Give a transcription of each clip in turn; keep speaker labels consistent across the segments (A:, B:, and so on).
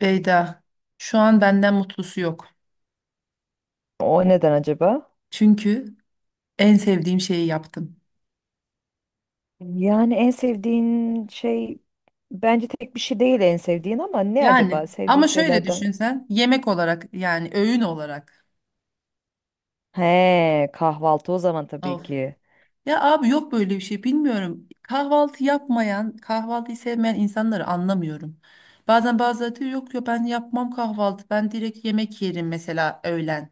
A: Beyda, şu an benden mutlusu yok.
B: O neden acaba?
A: Çünkü en sevdiğim şeyi yaptım.
B: Yani en sevdiğin şey bence tek bir şey değil en sevdiğin, ama ne
A: Yani
B: acaba sevdiğin
A: ama şöyle
B: şeylerden?
A: düşün sen yemek olarak yani öğün olarak.
B: He, kahvaltı o zaman
A: Of.
B: tabii ki.
A: Ya abi yok böyle bir şey bilmiyorum. Kahvaltı yapmayan, kahvaltıyı sevmeyen insanları anlamıyorum. Bazen bazıları diyor yok ya ben yapmam kahvaltı. Ben direkt yemek yerim mesela öğlen.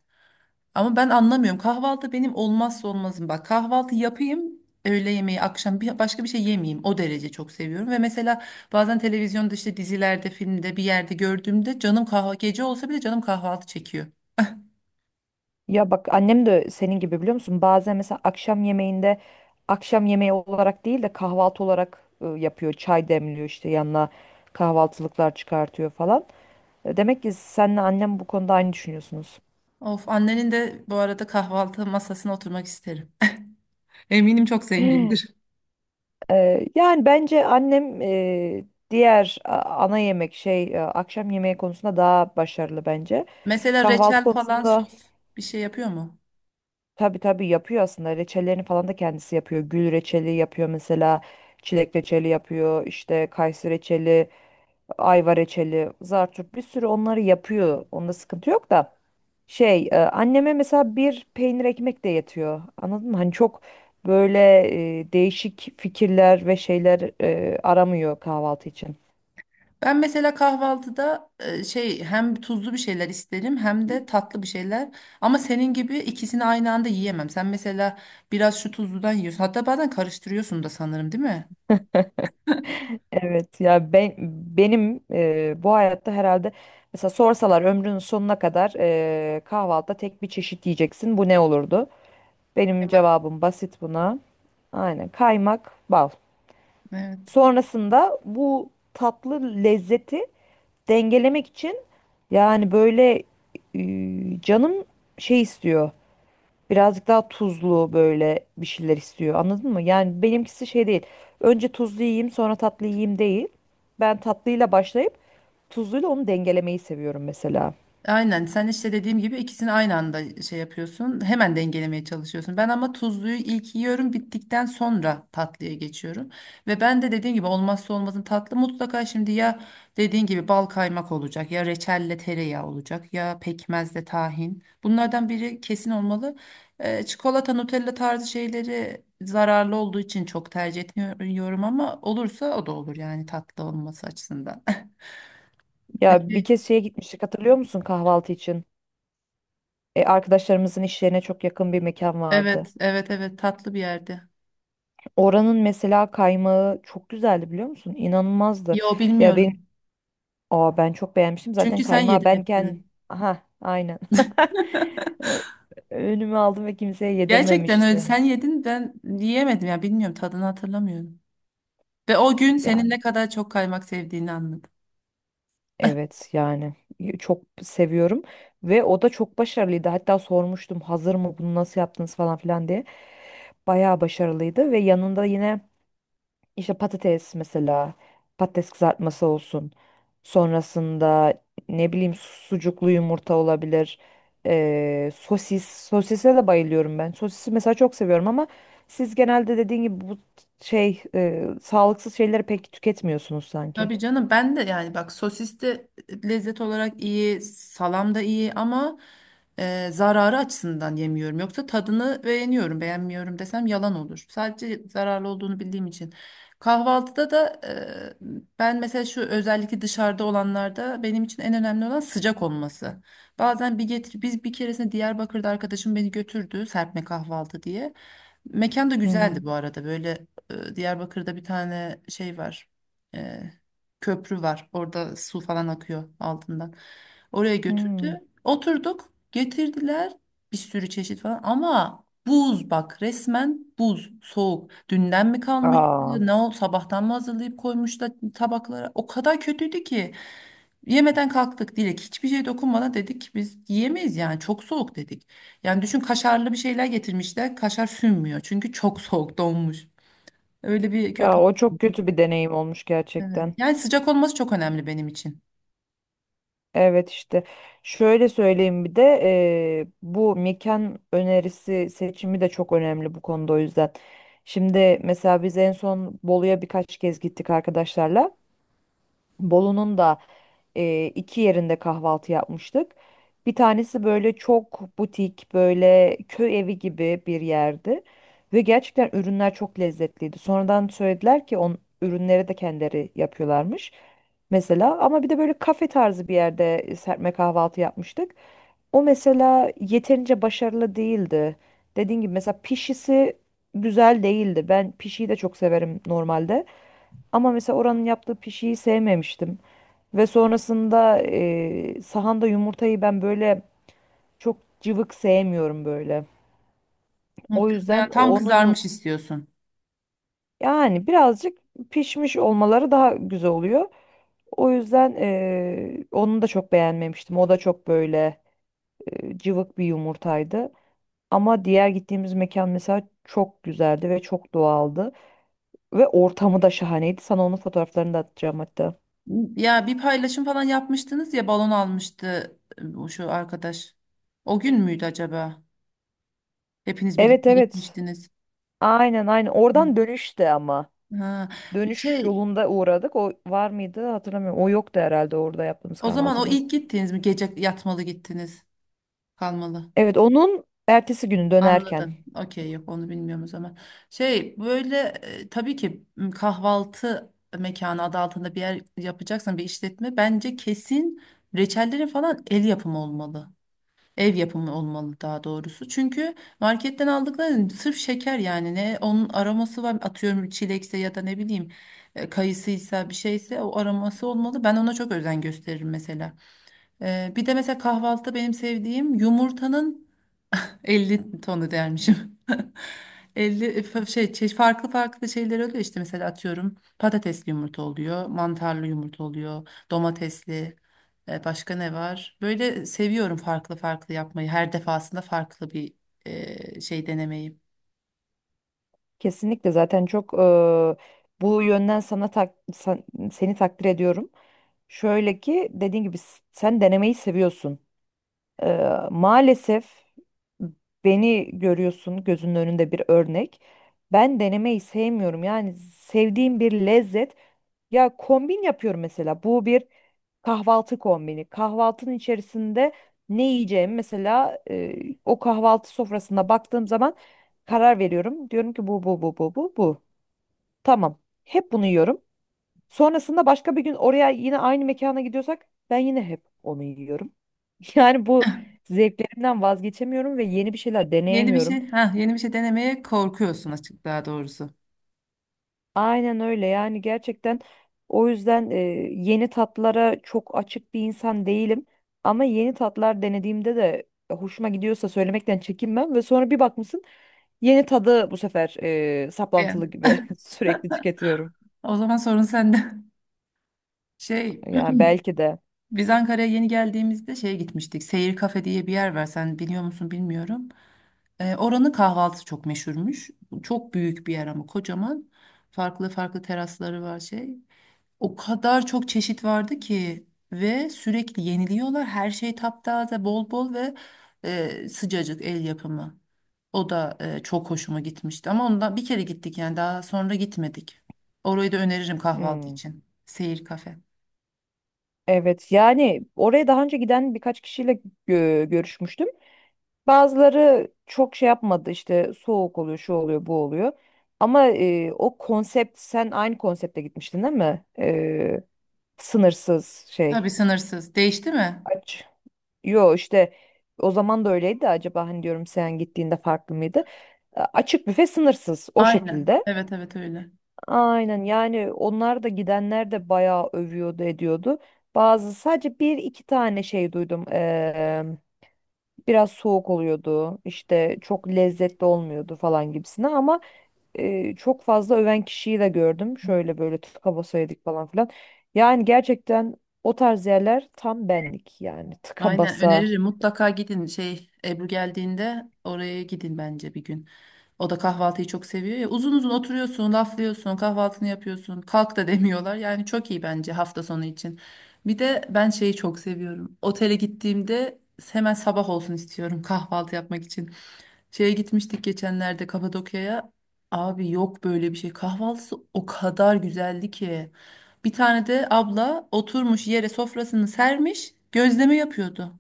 A: Ama ben anlamıyorum. Kahvaltı benim olmazsa olmazım. Bak kahvaltı yapayım, öğle yemeği, akşam bir, başka bir şey yemeyeyim. O derece çok seviyorum. Ve mesela bazen televizyonda işte dizilerde, filmde bir yerde gördüğümde canım kahvaltı gece olsa bile canım kahvaltı çekiyor.
B: Ya bak, annem de senin gibi, biliyor musun? Bazen mesela akşam yemeğinde akşam yemeği olarak değil de kahvaltı olarak yapıyor. Çay demliyor, işte yanına kahvaltılıklar çıkartıyor falan. Demek ki senle annem bu konuda aynı düşünüyorsunuz.
A: Of annenin de bu arada kahvaltı masasına oturmak isterim. Eminim çok zengindir.
B: Yani bence annem diğer ana yemek şey akşam yemeği konusunda daha başarılı bence.
A: Mesela
B: Kahvaltı
A: reçel falan
B: konusunda
A: sos bir şey yapıyor mu?
B: tabii tabii yapıyor aslında. Reçellerini falan da kendisi yapıyor. Gül reçeli yapıyor mesela. Çilek reçeli yapıyor. İşte kayısı reçeli, ayva reçeli, zartçuk, bir sürü onları yapıyor. Onda sıkıntı yok da. Anneme mesela bir peynir ekmek de yetiyor. Anladın mı? Hani çok böyle değişik fikirler ve şeyler aramıyor kahvaltı için.
A: Ben mesela kahvaltıda şey hem tuzlu bir şeyler isterim hem de tatlı bir şeyler. Ama senin gibi ikisini aynı anda yiyemem. Sen mesela biraz şu tuzludan yiyorsun. Hatta bazen karıştırıyorsun da sanırım, değil mi?
B: Evet ya, benim bu hayatta herhalde mesela sorsalar ömrünün sonuna kadar kahvaltıda tek bir çeşit yiyeceksin. Bu ne olurdu? Benim
A: Kaymak.
B: cevabım basit buna. Aynen kaymak, bal.
A: Evet.
B: Sonrasında bu tatlı lezzeti dengelemek için yani böyle, canım şey istiyor. Birazcık daha tuzlu böyle bir şeyler istiyor. Anladın mı? Yani benimkisi şey değil. Önce tuzlu yiyeyim sonra tatlı yiyeyim değil. Ben tatlıyla başlayıp tuzluyla onu dengelemeyi seviyorum mesela.
A: Aynen sen işte dediğim gibi ikisini aynı anda şey yapıyorsun. Hemen dengelemeye çalışıyorsun. Ben ama tuzluyu ilk yiyorum bittikten sonra tatlıya geçiyorum. Ve ben de dediğim gibi olmazsa olmazın tatlı mutlaka şimdi ya dediğin gibi bal kaymak olacak ya reçelle tereyağı olacak ya pekmezle tahin. Bunlardan biri kesin olmalı. Çikolata Nutella tarzı şeyleri zararlı olduğu için çok tercih etmiyorum ama olursa o da olur yani tatlı olması açısından.
B: Ya bir
A: Şey,
B: kez şeye gitmiştik, hatırlıyor musun, kahvaltı için? Arkadaşlarımızın iş yerine çok yakın bir mekan vardı.
A: evet, evet, evet tatlı bir yerde.
B: Oranın mesela kaymağı çok güzeldi, biliyor musun? İnanılmazdı.
A: Yo
B: Ya benim,
A: bilmiyorum.
B: aa, ben çok beğenmiştim. Zaten
A: Çünkü sen
B: kaymağı
A: yedin
B: benken,
A: hepsini.
B: aha aynen. Ö- Önüme aldım ve kimseye
A: Gerçekten öyle
B: yedirmemiştim.
A: sen yedin ben yiyemedim ya bilmiyorum tadını hatırlamıyorum. Ve o gün senin
B: Yani
A: ne kadar çok kaymak sevdiğini anladım.
B: evet yani, çok seviyorum ve o da çok başarılıydı. Hatta sormuştum, hazır mı, bunu nasıl yaptınız falan filan diye. Bayağı başarılıydı ve yanında yine İşte patates mesela, patates kızartması olsun. Sonrasında ne bileyim sucuklu yumurta olabilir. Sosis. Sosise de bayılıyorum ben. Sosisi mesela çok seviyorum ama siz genelde dediğin gibi bu sağlıksız şeyleri pek tüketmiyorsunuz sanki.
A: Tabii canım ben de yani bak sosis de lezzet olarak iyi, salam da iyi ama zararı açısından yemiyorum. Yoksa tadını beğeniyorum, beğenmiyorum desem yalan olur. Sadece zararlı olduğunu bildiğim için. Kahvaltıda da ben mesela şu özellikle dışarıda olanlarda benim için en önemli olan sıcak olması. Bazen bir getir biz bir keresinde Diyarbakır'da arkadaşım beni götürdü serpme kahvaltı diye. Mekan da
B: Hı
A: güzeldi
B: hı.
A: bu arada böyle Diyarbakır'da bir tane şey var. e, Köprü var. Orada su falan akıyor altından. Oraya götürdü.
B: Hmm.
A: Oturduk. Getirdiler bir sürü çeşit falan ama buz bak resmen buz soğuk. Dünden mi kalmış?
B: Aa,
A: Ne oldu? Sabahtan mı hazırlayıp koymuşlar tabaklara? O kadar kötüydü ki yemeden kalktık Dilek. Hiçbir şey dokunmadan dedik ki biz yiyemeyiz yani çok soğuk dedik. Yani düşün kaşarlı bir şeyler getirmişler. Kaşar sünmüyor çünkü çok soğuk donmuş. Öyle bir
B: ya
A: kötü.
B: o çok kötü bir deneyim olmuş
A: Evet.
B: gerçekten.
A: Yani sıcak olması çok önemli benim için.
B: Evet işte şöyle söyleyeyim, bir de bu mekan önerisi seçimi de çok önemli bu konuda, o yüzden. Şimdi mesela biz en son Bolu'ya birkaç kez gittik arkadaşlarla. Bolu'nun da iki yerinde kahvaltı yapmıştık. Bir tanesi böyle çok butik, böyle köy evi gibi bir yerdi. Ve gerçekten ürünler çok lezzetliydi. Sonradan söylediler ki on ürünleri de kendileri yapıyorlarmış. Mesela ama bir de böyle kafe tarzı bir yerde serpme kahvaltı yapmıştık. O mesela yeterince başarılı değildi. Dediğim gibi mesela pişisi güzel değildi. Ben pişiyi de çok severim normalde. Ama mesela oranın yaptığı pişiyi sevmemiştim. Ve sonrasında sahanda yumurtayı ben böyle çok cıvık sevmiyorum böyle.
A: Hı,
B: O
A: kız, yani
B: yüzden
A: tam
B: onun yum
A: kızarmış istiyorsun.
B: yani birazcık pişmiş olmaları daha güzel oluyor. O yüzden onu da çok beğenmemiştim. O da çok böyle cıvık bir yumurtaydı. Ama diğer gittiğimiz mekan mesela çok güzeldi ve çok doğaldı. Ve ortamı da şahaneydi. Sana onun fotoğraflarını da atacağım hatta.
A: Ya bir paylaşım falan yapmıştınız ya balon almıştı o şu arkadaş. O gün müydü acaba? Hepiniz
B: Evet,
A: birlikte
B: evet.
A: gitmiştiniz.
B: Aynen aynen.
A: Hı.
B: Oradan dönüşte ama.
A: Ha,
B: Dönüş
A: şey
B: yolunda uğradık. O var mıydı hatırlamıyorum. O yoktu herhalde orada yaptığımız
A: o zaman o
B: kahvaltıda.
A: ilk gittiniz mi? Gece yatmalı gittiniz. Kalmalı.
B: Evet, onun ertesi günü dönerken.
A: Anladım. Okey yok onu bilmiyorum o zaman. Şey böyle tabii ki kahvaltı mekanı adı altında bir yer yapacaksan bir işletme bence kesin reçellerin falan el yapımı olmalı. Ev yapımı olmalı daha doğrusu. Çünkü marketten aldıkları sırf şeker yani ne onun aroması var. Atıyorum çilekse ya da ne bileyim kayısıysa bir şeyse o aroması olmalı. Ben ona çok özen gösteririm mesela. Bir de mesela kahvaltıda benim sevdiğim yumurtanın 50 tonu dermişim. 50 şey, farklı farklı şeyler oluyor işte mesela atıyorum patatesli yumurta oluyor, mantarlı yumurta oluyor, domatesli başka ne var? Böyle seviyorum farklı farklı yapmayı. Her defasında farklı bir şey denemeyi.
B: Kesinlikle, zaten çok bu yönden sana seni takdir ediyorum. Şöyle ki dediğin gibi sen denemeyi seviyorsun. Maalesef beni görüyorsun gözünün önünde, bir örnek. Ben denemeyi sevmiyorum. Yani sevdiğim bir lezzet. Ya kombin yapıyorum mesela. Bu bir kahvaltı kombini. Kahvaltının içerisinde ne yiyeceğim mesela, o kahvaltı sofrasına baktığım zaman karar veriyorum. Diyorum ki bu bu bu bu bu bu. Tamam. Hep bunu yiyorum. Sonrasında başka bir gün oraya yine aynı mekana gidiyorsak ben yine hep onu yiyorum. Yani bu zevklerimden vazgeçemiyorum ve yeni bir şeyler
A: Yeni bir
B: deneyemiyorum.
A: şey, ha yeni bir şey denemeye korkuyorsun açık daha doğrusu.
B: Aynen öyle, yani gerçekten o yüzden yeni tatlara çok açık bir insan değilim. Ama yeni tatlar denediğimde de hoşuma gidiyorsa söylemekten çekinmem ve sonra bir bakmışsın yeni tadı bu sefer
A: Yani.
B: saplantılı gibi sürekli tüketiyorum.
A: O zaman sorun sende. Şey,
B: Yani belki de.
A: biz Ankara'ya yeni geldiğimizde şeye gitmiştik. Seyir Kafe diye bir yer var. Sen biliyor musun bilmiyorum. Oranın kahvaltısı çok meşhurmuş. Çok büyük bir yer ama kocaman. Farklı farklı terasları var şey. O kadar çok çeşit vardı ki ve sürekli yeniliyorlar. Her şey taptaze, bol bol ve sıcacık el yapımı. O da çok hoşuma gitmişti. Ama ondan bir kere gittik yani daha sonra gitmedik. Orayı da öneririm kahvaltı
B: Hmm.
A: için. Seyir Kafe.
B: Evet, yani oraya daha önce giden birkaç kişiyle görüşmüştüm. Bazıları çok şey yapmadı, işte soğuk oluyor, şu oluyor, bu oluyor. Ama o konsept, sen aynı konsepte gitmiştin değil mi? Sınırsız şey
A: Tabii sınırsız. Değişti mi?
B: aç. Yo işte o zaman da öyleydi de, acaba hani diyorum sen gittiğinde farklı mıydı? Açık büfe sınırsız o
A: Aynen.
B: şekilde.
A: Evet, evet öyle.
B: Aynen, yani onlar da, gidenler de bayağı övüyordu ediyordu. Bazı sadece bir iki tane şey duydum. Biraz soğuk oluyordu işte, çok lezzetli olmuyordu falan gibisine ama çok fazla öven kişiyi de gördüm. Şöyle böyle tıka basa yedik falan filan. Yani gerçekten o tarz yerler tam benlik, yani tıka
A: Aynen
B: basa
A: öneririm. Mutlaka gidin şey Ebru geldiğinde oraya gidin bence bir gün. O da kahvaltıyı çok seviyor ya. Uzun uzun oturuyorsun, laflıyorsun, kahvaltını yapıyorsun. Kalk da demiyorlar. Yani çok iyi bence hafta sonu için. Bir de ben şeyi çok seviyorum. Otele gittiğimde hemen sabah olsun istiyorum kahvaltı yapmak için. Şeye gitmiştik geçenlerde Kapadokya'ya. Abi yok böyle bir şey. Kahvaltısı o kadar güzeldi ki. Bir tane de abla oturmuş yere sofrasını sermiş, gözleme yapıyordu.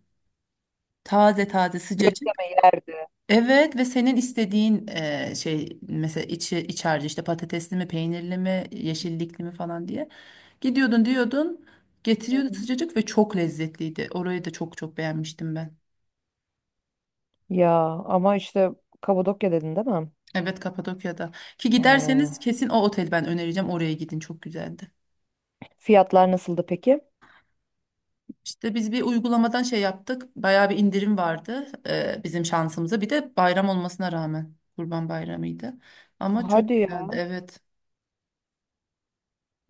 A: Taze taze sıcacık.
B: gözleme yerdi.
A: Evet ve senin istediğin şey mesela içi iç harcı işte patatesli mi, peynirli mi, yeşillikli mi falan diye. Gidiyordun diyordun,
B: Hı
A: getiriyordu
B: hı.
A: sıcacık ve çok lezzetliydi. Orayı da çok çok beğenmiştim ben.
B: Ya ama işte Kabadokya dedin değil mi?
A: Evet, Kapadokya'da. Ki
B: Eee,
A: giderseniz kesin o otel ben önereceğim. Oraya gidin çok güzeldi.
B: fiyatlar nasıldı peki?
A: İşte biz bir uygulamadan şey yaptık. Bayağı bir indirim vardı bizim şansımıza. Bir de bayram olmasına rağmen. Kurban Bayramı'ydı. Ama çok
B: Hadi,
A: güzeldi evet.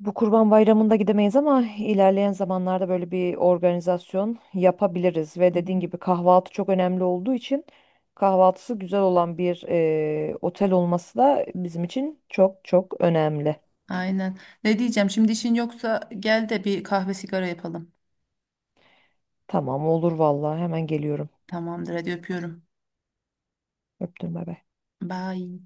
B: bu Kurban Bayramı'nda gidemeyiz ama ilerleyen zamanlarda böyle bir organizasyon yapabiliriz. Ve dediğin gibi kahvaltı çok önemli olduğu için kahvaltısı güzel olan bir otel olması da bizim için çok çok önemli.
A: Aynen. Ne diyeceğim şimdi işin yoksa gel de bir kahve sigara yapalım.
B: Tamam olur vallahi, hemen geliyorum.
A: Tamamdır hadi öpüyorum.
B: Öptüm, bay bay.
A: Bye.